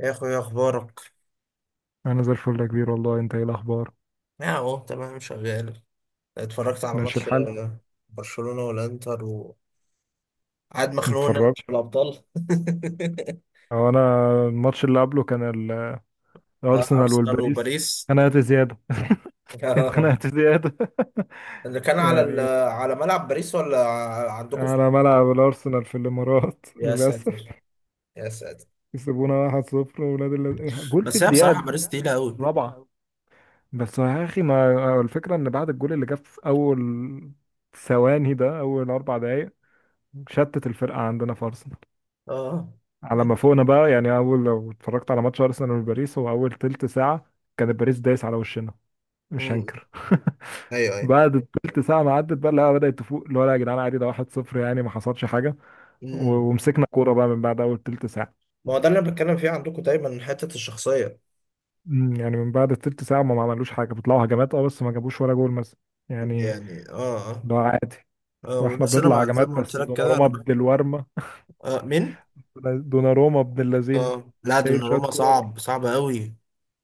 يا اخويا، إيه اخبارك؟ انا زي الفل يا كبير والله، انت ايه الاخبار؟ يا اهو تمام شغال. اتفرجت على ماشي ماتش. الحال. آه، برشلونة والانتر، وقاعد مخنوق ان انا اتفرج. مش في الابطال. هو انا الماتش اللي قبله كان ال- الارسنال ارسنال والباريس. وباريس. اتخنقت زياده آه، اتخنقت زياده اللي كان على يعني على ملعب باريس ولا عندكم في؟ على ملعب الارسنال في الامارات يا للاسف. ساتر، يا ساتر. يسيبونا 1-0 ولاد جول في بس هي بصراحة الدقيقه باريس تقيلة قوي. الرابعه. بس يا اخي، ما الفكره ان بعد الجول اللي جاب في اول ثواني، ده اول 4 دقائق، شتت الفرقه عندنا في ارسنال اه. على ما فوقنا بقى. يعني اول، لو اتفرجت على ماتش ارسنال وباريس، هو اول ثلث ساعة كان باريس دايس على وشنا، مش امم هنكر ايوه ايوه. بعد التلت ساعه ما عدت بقى، لا، بدات تفوق، اللي هو لا يا جدعان عادي، ده 1-0 يعني، ما حصلش حاجه. و- امم ومسكنا كوره بقى من بعد اول ثلث ساعة. ما هو ده اللي انا بتكلم فيه، عندكم دايما حتة الشخصية يعني من بعد التلت ساعه ما عملوش حاجه، بيطلعوا هجمات بس ما جابوش ولا جول مثلا، يعني. يعني. اه اه. ده عادي. واحنا بس انا بنطلع زي هجمات ما قلت بس لك كده دوناروما انا بالورمه. آه، مين؟ دوناروما ابن اللذينه، اه لا، شايل شويه دوناروما كور. صعب صعب قوي.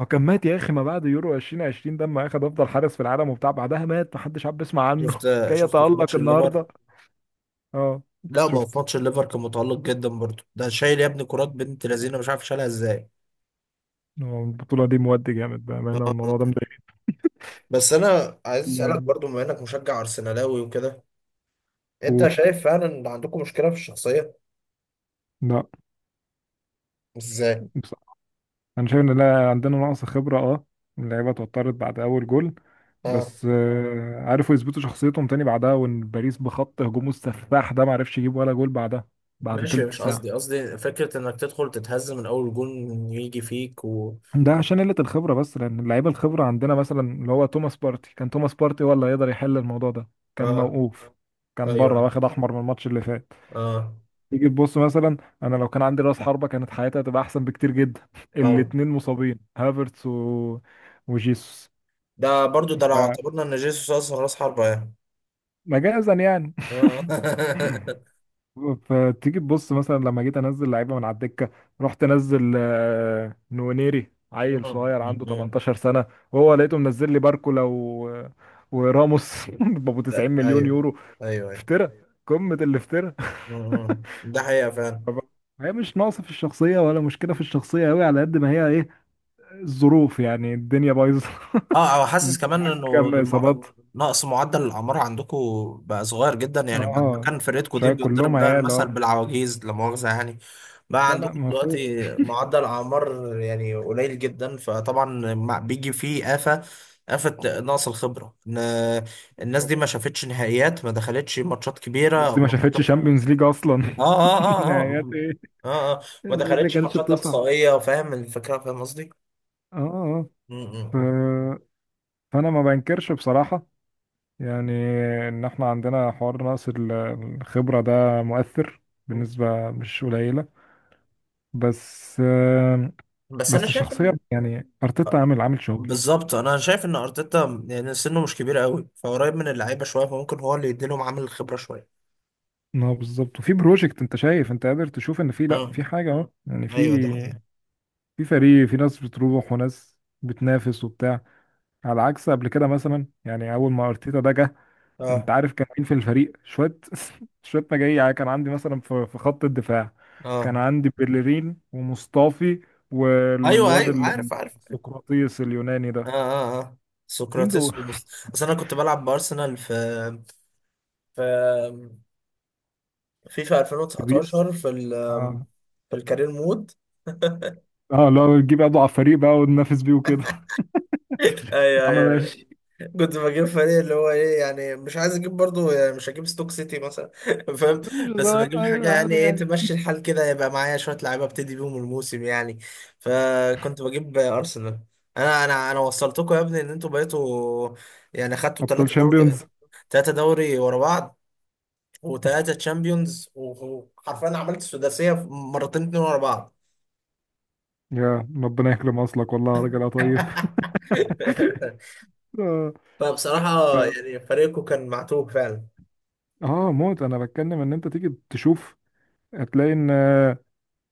هو كان مات يا اخي، ما بعد يورو 2020 ده لما اخد افضل حارس في العالم وبتاع، بعدها مات، محدش عاد بيسمع عنه شفت. كي شفته في يتألق ماتش الليفر. النهارده. اه لا ما هو في شفت. ماتش الليفر كان متألق جدا برضه، ده شايل يا ابني كرات بنت لذينه، مش عارف شالها ازاي. هو البطولة دي مودي جامد بأمانة، الموضوع ده آه. بس انا عايز اسالك مضايقني. برضه، بما انك مشجع ارسنالاوي وكده، انت قول. شايف فعلا ان عندكم مشكله في الشخصيه؟ لا، ازاي؟ بصراحة أنا شايف إن لا، عندنا نقص خبرة أه. اللعيبة اتوترت بعد أول جول. اه بس عرفوا يثبتوا شخصيتهم تاني بعدها، وإن باريس بخط هجومه السفاح ده معرفش يجيب ولا جول بعدها، بعد ماشي. تلت مش ساعة قصدي، قصدي فكره انك تدخل تتهز من اول جون، يجي فيك و... ده عشان قلة الخبرة، بس لأن اللعيبة الخبرة عندنا مثلا، اللي هو توماس بارتي، كان توماس بارتي هو اللي هيقدر يحل الموضوع ده، كان اه موقوف، كان بره ايوه واخد أحمر من الماتش اللي فات. اه. تيجي تبص مثلا، أنا لو كان عندي رأس حربة كانت حياتي هتبقى أحسن بكتير جدا طبعا. الاتنين مصابين، هافرتس و... وجيسوس. ده برضه ده لو اعتبرنا ان جيسوس اصلا راس حربه يعني. فمجازا يعني. آه. فتيجي تبص مثلا، لما جيت انزل لعيبه من على الدكه، رحت انزل نونيري، عيل مم. صغير عنده مم. 18 سنه، وهو لقيته منزل لي باركولا و... وراموس بابو 90 لا مليون ايوه يورو. ايوه ايوه. افترى، قمه الافتراء. مم. ده حقيقة فعلا. فب- هي مش ناقصه في الشخصيه، ولا مشكله في الشخصيه قوي على قد ما هي ايه، الظروف، يعني الدنيا بايظه اه، او حاسس انت كمان معاك انه كام اصابات؟ نقص معدل الاعمار عندكم بقى صغير جدا. يعني بعد ما اه كان فرقتكم دي شويه، كلهم بتضرب بقى عيال المثل اه. بالعواجيز، لا مؤاخذة يعني. بقى لا لا، عندكم مفهوم. دلوقتي معدل اعمار يعني قليل جدا، فطبعا بيجي فيه آفة، آفة نقص الخبرة، ان الناس دي ما شافتش نهائيات، ما دخلتش ماتشات كبيرة الناس او دي ما شافتش ماتشات. شامبيونز ليج اصلا اه اه اه اه نهايات اه. ايه! اه اه، اه. ما الناس دي دخلتش كانتش ماتشات بتصعد. اقصائيه. فاهم الفكره؟ فاهم قصدي؟ اه آه. م- ف... م- فانا ما بنكرش بصراحة يعني، ان احنا عندنا حوار نقص الخبرة ده، مؤثر م. بالنسبة، مش قليلة. بس آه، بس انا بس شايف الشخصية ان... يعني، ارتيتا عامل عامل شغل. بالظبط. انا شايف ان ارتيتا يعني سنه مش كبير قوي، فقريب من اللعيبه شويه، فممكن هو اللي يديلهم عامل الخبره شويه. ما هو بالظبط، وفي بروجكت انت شايف، انت قادر تشوف ان في، لا، امم في حاجة اهو يعني، في ايوه، دي حقيقة. في فريق، في ناس بتروح وناس بتنافس وبتاع، على عكس قبل كده مثلا. يعني اول ما ارتيتا ده جه، انت اه عارف كان مين في الفريق؟ شويه شويه مجاري يعني. كان عندي مثلا في خط الدفاع، كان اه، عندي بيلرين ومصطفي، ايوه والواد ايوه، عارف عارف. السقراطيس اليوناني اه ده، اه اه. مين سقراطيس دول؟ ومست... اصل انا كنت بلعب بارسنال في في فيفا في بيس 2019 في ال اه. في الكارير مود. اه لو تجيب اضعف فريق بقى وننافس بيه وكده يا ايوه عم ايوه. ماشي. كنت بجيب فريق اللي هو ايه يعني، مش عايز اجيب برضو يعني، مش هجيب ستوك سيتي مثلا فاهم؟ مش بس بجيب حاجه أيوة، يعني، عادي ايه، يعني. تمشي الحال كده، يبقى معايا شويه لعيبه ابتدي بيهم الموسم يعني. فكنت بجيب ارسنال. انا وصلتكم يا ابني، ان انتوا بقيتوا يعني خدتوا ابطال 3 دوري، شامبيونز. 3 دوري ورا بعض، وثلاثه تشامبيونز، وحرفيا عملت سداسيه مرتين اتنين ورا بعض. يا ربنا يكرم اصلك والله يا راجل يا طيب اه فبصراحه يعني فريقكم كان معتوه فعلا. موت. انا بتكلم ان انت تيجي تشوف، هتلاقي ان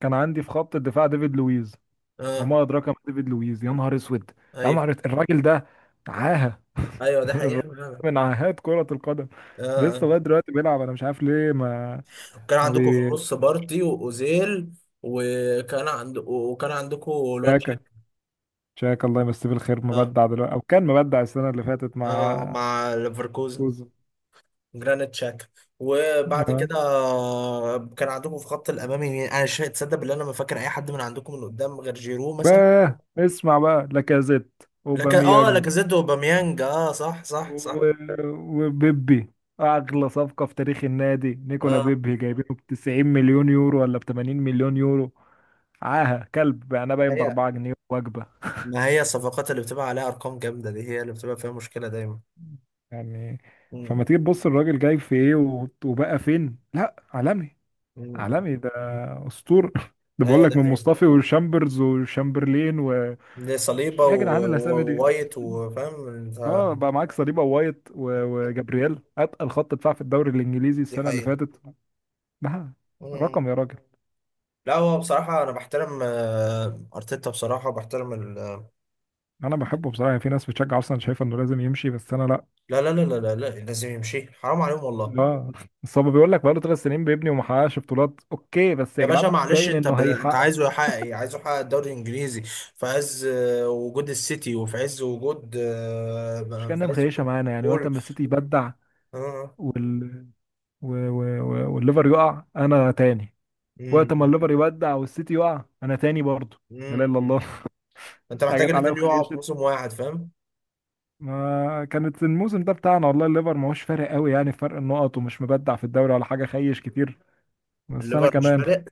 كان عندي في خط الدفاع ديفيد لويز، اه وما ادراك ما ديفيد لويز. يا نهار اسود، يا ايوه نهار أسود، الراجل ده عاهه ايوه، ده حقيقة. من عاهات كرة القدم. لسه آه. لغايه دلوقتي بيلعب، انا مش عارف ليه، ما كان ما عندكم في بي. النص بارتي واوزيل، وكان عندكم الواد شاكا، شاك. شاكا الله يمسيه بالخير، اه مبدع دلوقتي او كان مبدع السنه اللي فاتت اه، مع مع ليفركوزن، كوزو. جرانيت شاكا. وبعد آه. كده كان عندكم في خط الامامي يعني، انا مش تصدق بالله، انا ما فاكر اي حد من عندكم من قدام غير جيرو مثلا. باه اسمع بقى، لاكازيت، لك اه، اوباميانج، لاكازيت وباميانج، اه صح صح صح. و- وبيبي، اغلى صفقة في تاريخ النادي، نيكولا اه. بيبي جايبينه ب 90 مليون يورو ولا ب 80 مليون يورو. عاهة كلب يعني، باين ب هي، 4 جنيه وجبة ما هي الصفقات اللي بتبقى عليها ارقام جامده دي هي اللي بتبقى فيها مشكله دايما. يعني. م- فما م- تيجي تبص، الراجل جاي في ايه و- وبقى فين، لا، عالمي، م- م. عالمي ده، اسطورة ده بقول ايوه لك ده من حقيقي. مصطفي وشامبرز وشامبرلين و ايه، دي صليبة يا جدعان الاسامي دي. ووايت، وفاهم اه بقى معاك صليبه وايت و- وجابرييل، اتقل خط دفاع في الدوري الانجليزي دي السنه اللي حقيقة. فاتت. ده مم. رقم يا راجل. لا، هو بصراحة أنا بحترم أرتيتا بصراحة، وبحترم ال... انا بحبه بصراحه يعني، في ناس بتشجع اصلا شايفه انه لازم يمشي، بس انا لا. لا لا لا لا لا لا، لازم يمشي، حرام عليهم والله. اه بس هو بيقول لك بقاله 3 سنين بيبني وما حققش بطولات. اوكي، بس يا يا باشا، جدعان معلش، باين انه أنت هيحقق. عايزه يحقق إيه؟ عايزه يحقق الدوري الإنجليزي في عز وجود السيتي، وفي عز وجود مش في كأنها عز مخيشه وجود معانا. يعني وقت ليفربول؟ ما السيتي يبدع آه. وال... و... و... و... والليفر يقع، انا تاني. مم. وقت ما الليفر يبدع والسيتي يقع، انا تاني برضه. لا اله مم. الا الله أنت محتاج حاجات عليا، الاتنين يقعوا في وخيشت. موسم واحد، فاهم؟ ما كانت الموسم ده بتاعنا والله. الليفر ما هوش فارق قوي يعني، في فرق النقط، ومش مبدع في الدوري ولا حاجه، خيش كتير. بس انا الليفر مش كمان فارق.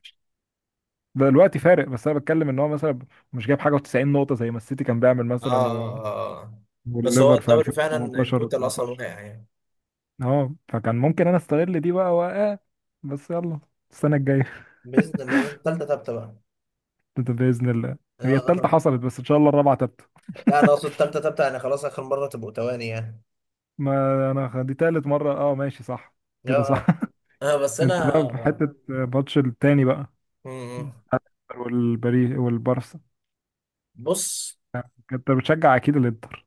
بقى الوقت فارق. بس انا بتكلم ان هو مثلا مش جايب حاجه و90 نقطه زي ما السيتي كان بيعمل اه مثلا و... اه اه آه. بس هو والليفر في الدوري فعلا ان 2018 توتال اصلا وقع 19. يعني. اه فكان ممكن انا استغل دي بقى واه. بس يلا، السنه الجايه باذن الله بقى، تالتة تابتة بقى. ده باذن الله. هي آه. التالتة حصلت، بس ان شاء الله الرابعه تبت لا انا اقصد تالتة تابتة يعني خلاص، اخر مره تبقوا تواني يعني. ما انا دي تالت مره اه، ماشي صح، اه كده صح اه، بس انت بقى في انا... حته ماتش التاني بقى، مم. والبري والبارسا، بص. انت بتشجع اكيد الانتر.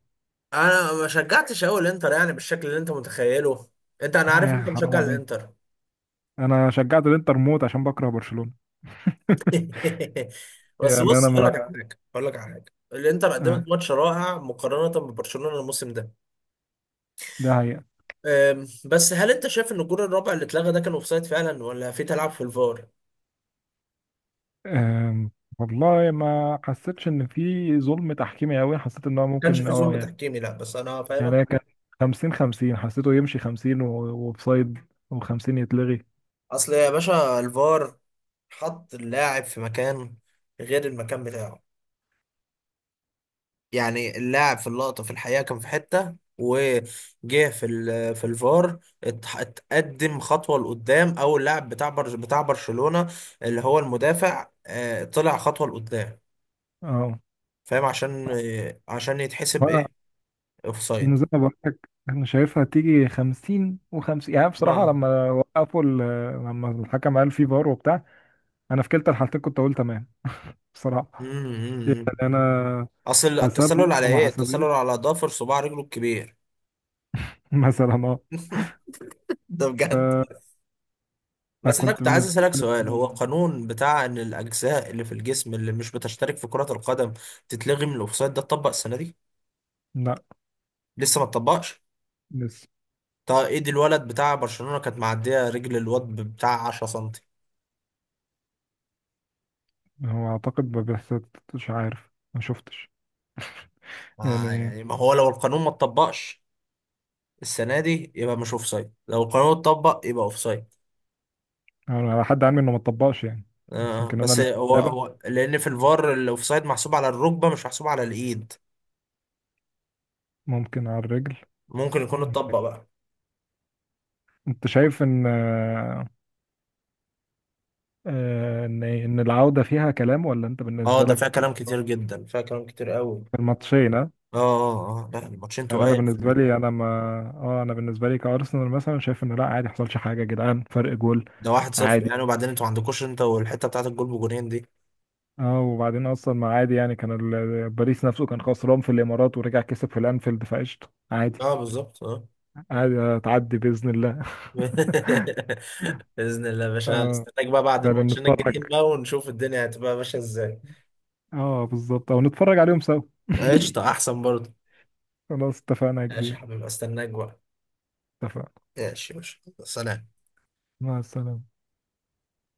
انا ما شجعتش قوي الانتر يعني بالشكل اللي انت متخيله. انت، انا لا عارف يا انت اخي حرام مشجع عليك، الانتر. انا شجعت الانتر موت عشان بكره برشلونه بس يعني بص، اقول لك على انا حاجه، اقول لك على حاجه. الانتر آه، قدمت ماتش رائع مقارنه ببرشلونه الموسم ده. ده هي. بس هل انت شايف ان الجول الرابع اللي اتلغى ده كان اوفسايد فعلا ولا في تلعب في الفار؟ ما آم، والله ما حسيتش ان في ظلم تحكيمي قوي، حسيت ان هو كانش ممكن في اه ظلم يعني. تحكيمي، لا بس انا يعني هي فاهمك. كان 50 50، حسيته يمشي 50 وبسايد و50 يتلغي. اصل يا باشا الفار حط اللاعب في مكان غير المكان بتاعه. يعني اللاعب في اللقطة في الحقيقة كان في حتة، وجه في في الفار اتقدم خطوة لقدام، او اللاعب بتاع برج بتاع برشلونة اللي هو المدافع طلع خطوة لقدام، اه فاهم؟ عشان عشان يتحسب بقى، ايه، إن اوفسايد. زي ما بقول لك، انا شايفها تيجي 50 و50 يعني بصراحه. لما وقفوا لما الحكم قال في فار وبتاع، انا في كلتا الحالتين كنت اقول تمام بصراحه. امم انا اصل حسبها التسلل على وما ايه؟ التسلل حسبهاش على ضفر صباع رجله الكبير. مثلا اه. ده بجد. بس انا فكنت كنت عايز بالنسبه لي اسالك كانت سؤال، هو تمام. القانون بتاع ان الاجزاء اللي في الجسم اللي مش بتشترك في كرة القدم تتلغي من الاوفسايد ده اتطبق السنه دي لسه ما اتطبقش؟ لا طب ايد الولد بتاع برشلونة كانت معديه رجل الواد بتاع 10 سنتي. هو اعتقد ما بيحصلش، مش عارف، ما شفتش ما يعني. يعني، ما هو لو القانون ما اتطبقش السنه دي يبقى مش اوفسايد، لو القانون اتطبق يبقى اوفسايد. انا على حد علمي انه ما اتطبقش يعني. بس آه، يمكن انا بس اللي هو بتابع، هو لان في الفار الاوفسايد محسوب على الركبه مش محسوب على الايد. ممكن على الرجل. ممكن يكون مم. اتطبق بقى. انت شايف ان ان العودة فيها كلام، ولا انت اه، بالنسبة ده فيها لك كلام خلاص؟ كتير جدا، فيها كلام كتير قوي. في الماتشين ها؟ اه اه اه، لا الماتشين يعني انا تقال في بالنسبة لي انا ما، اه انا بالنسبة لي كارسنال مثلا، شايف ان لا، عادي ما حصلش حاجة يا جدعان، فرق جول ده 1-0 عادي. يعني، وبعدين انتوا ما عندكوش انت والحته بتاعت الجول بجونين دي. اه وبعدين اصلا، ما عادي يعني كان باريس نفسه كان خسران في الامارات ورجع كسب في الانفيلد، فقشطه عادي. اه بالظبط اه. عادي تعدي بإذن الله باذن الله يا باشا، اه استناك بقى بعد فعلا الماتشين نتفرج. الجايين بقى، ونشوف الدنيا هتبقى ماشيه ازاي. اه بالظبط، او نتفرج عليهم سوا قشطه، احسن برضه. خلاص اتفقنا يا ماشي يا كبير. حبيبي، استناك بقى. اتفقنا. ماشي ماشي، سلام. مع السلامة.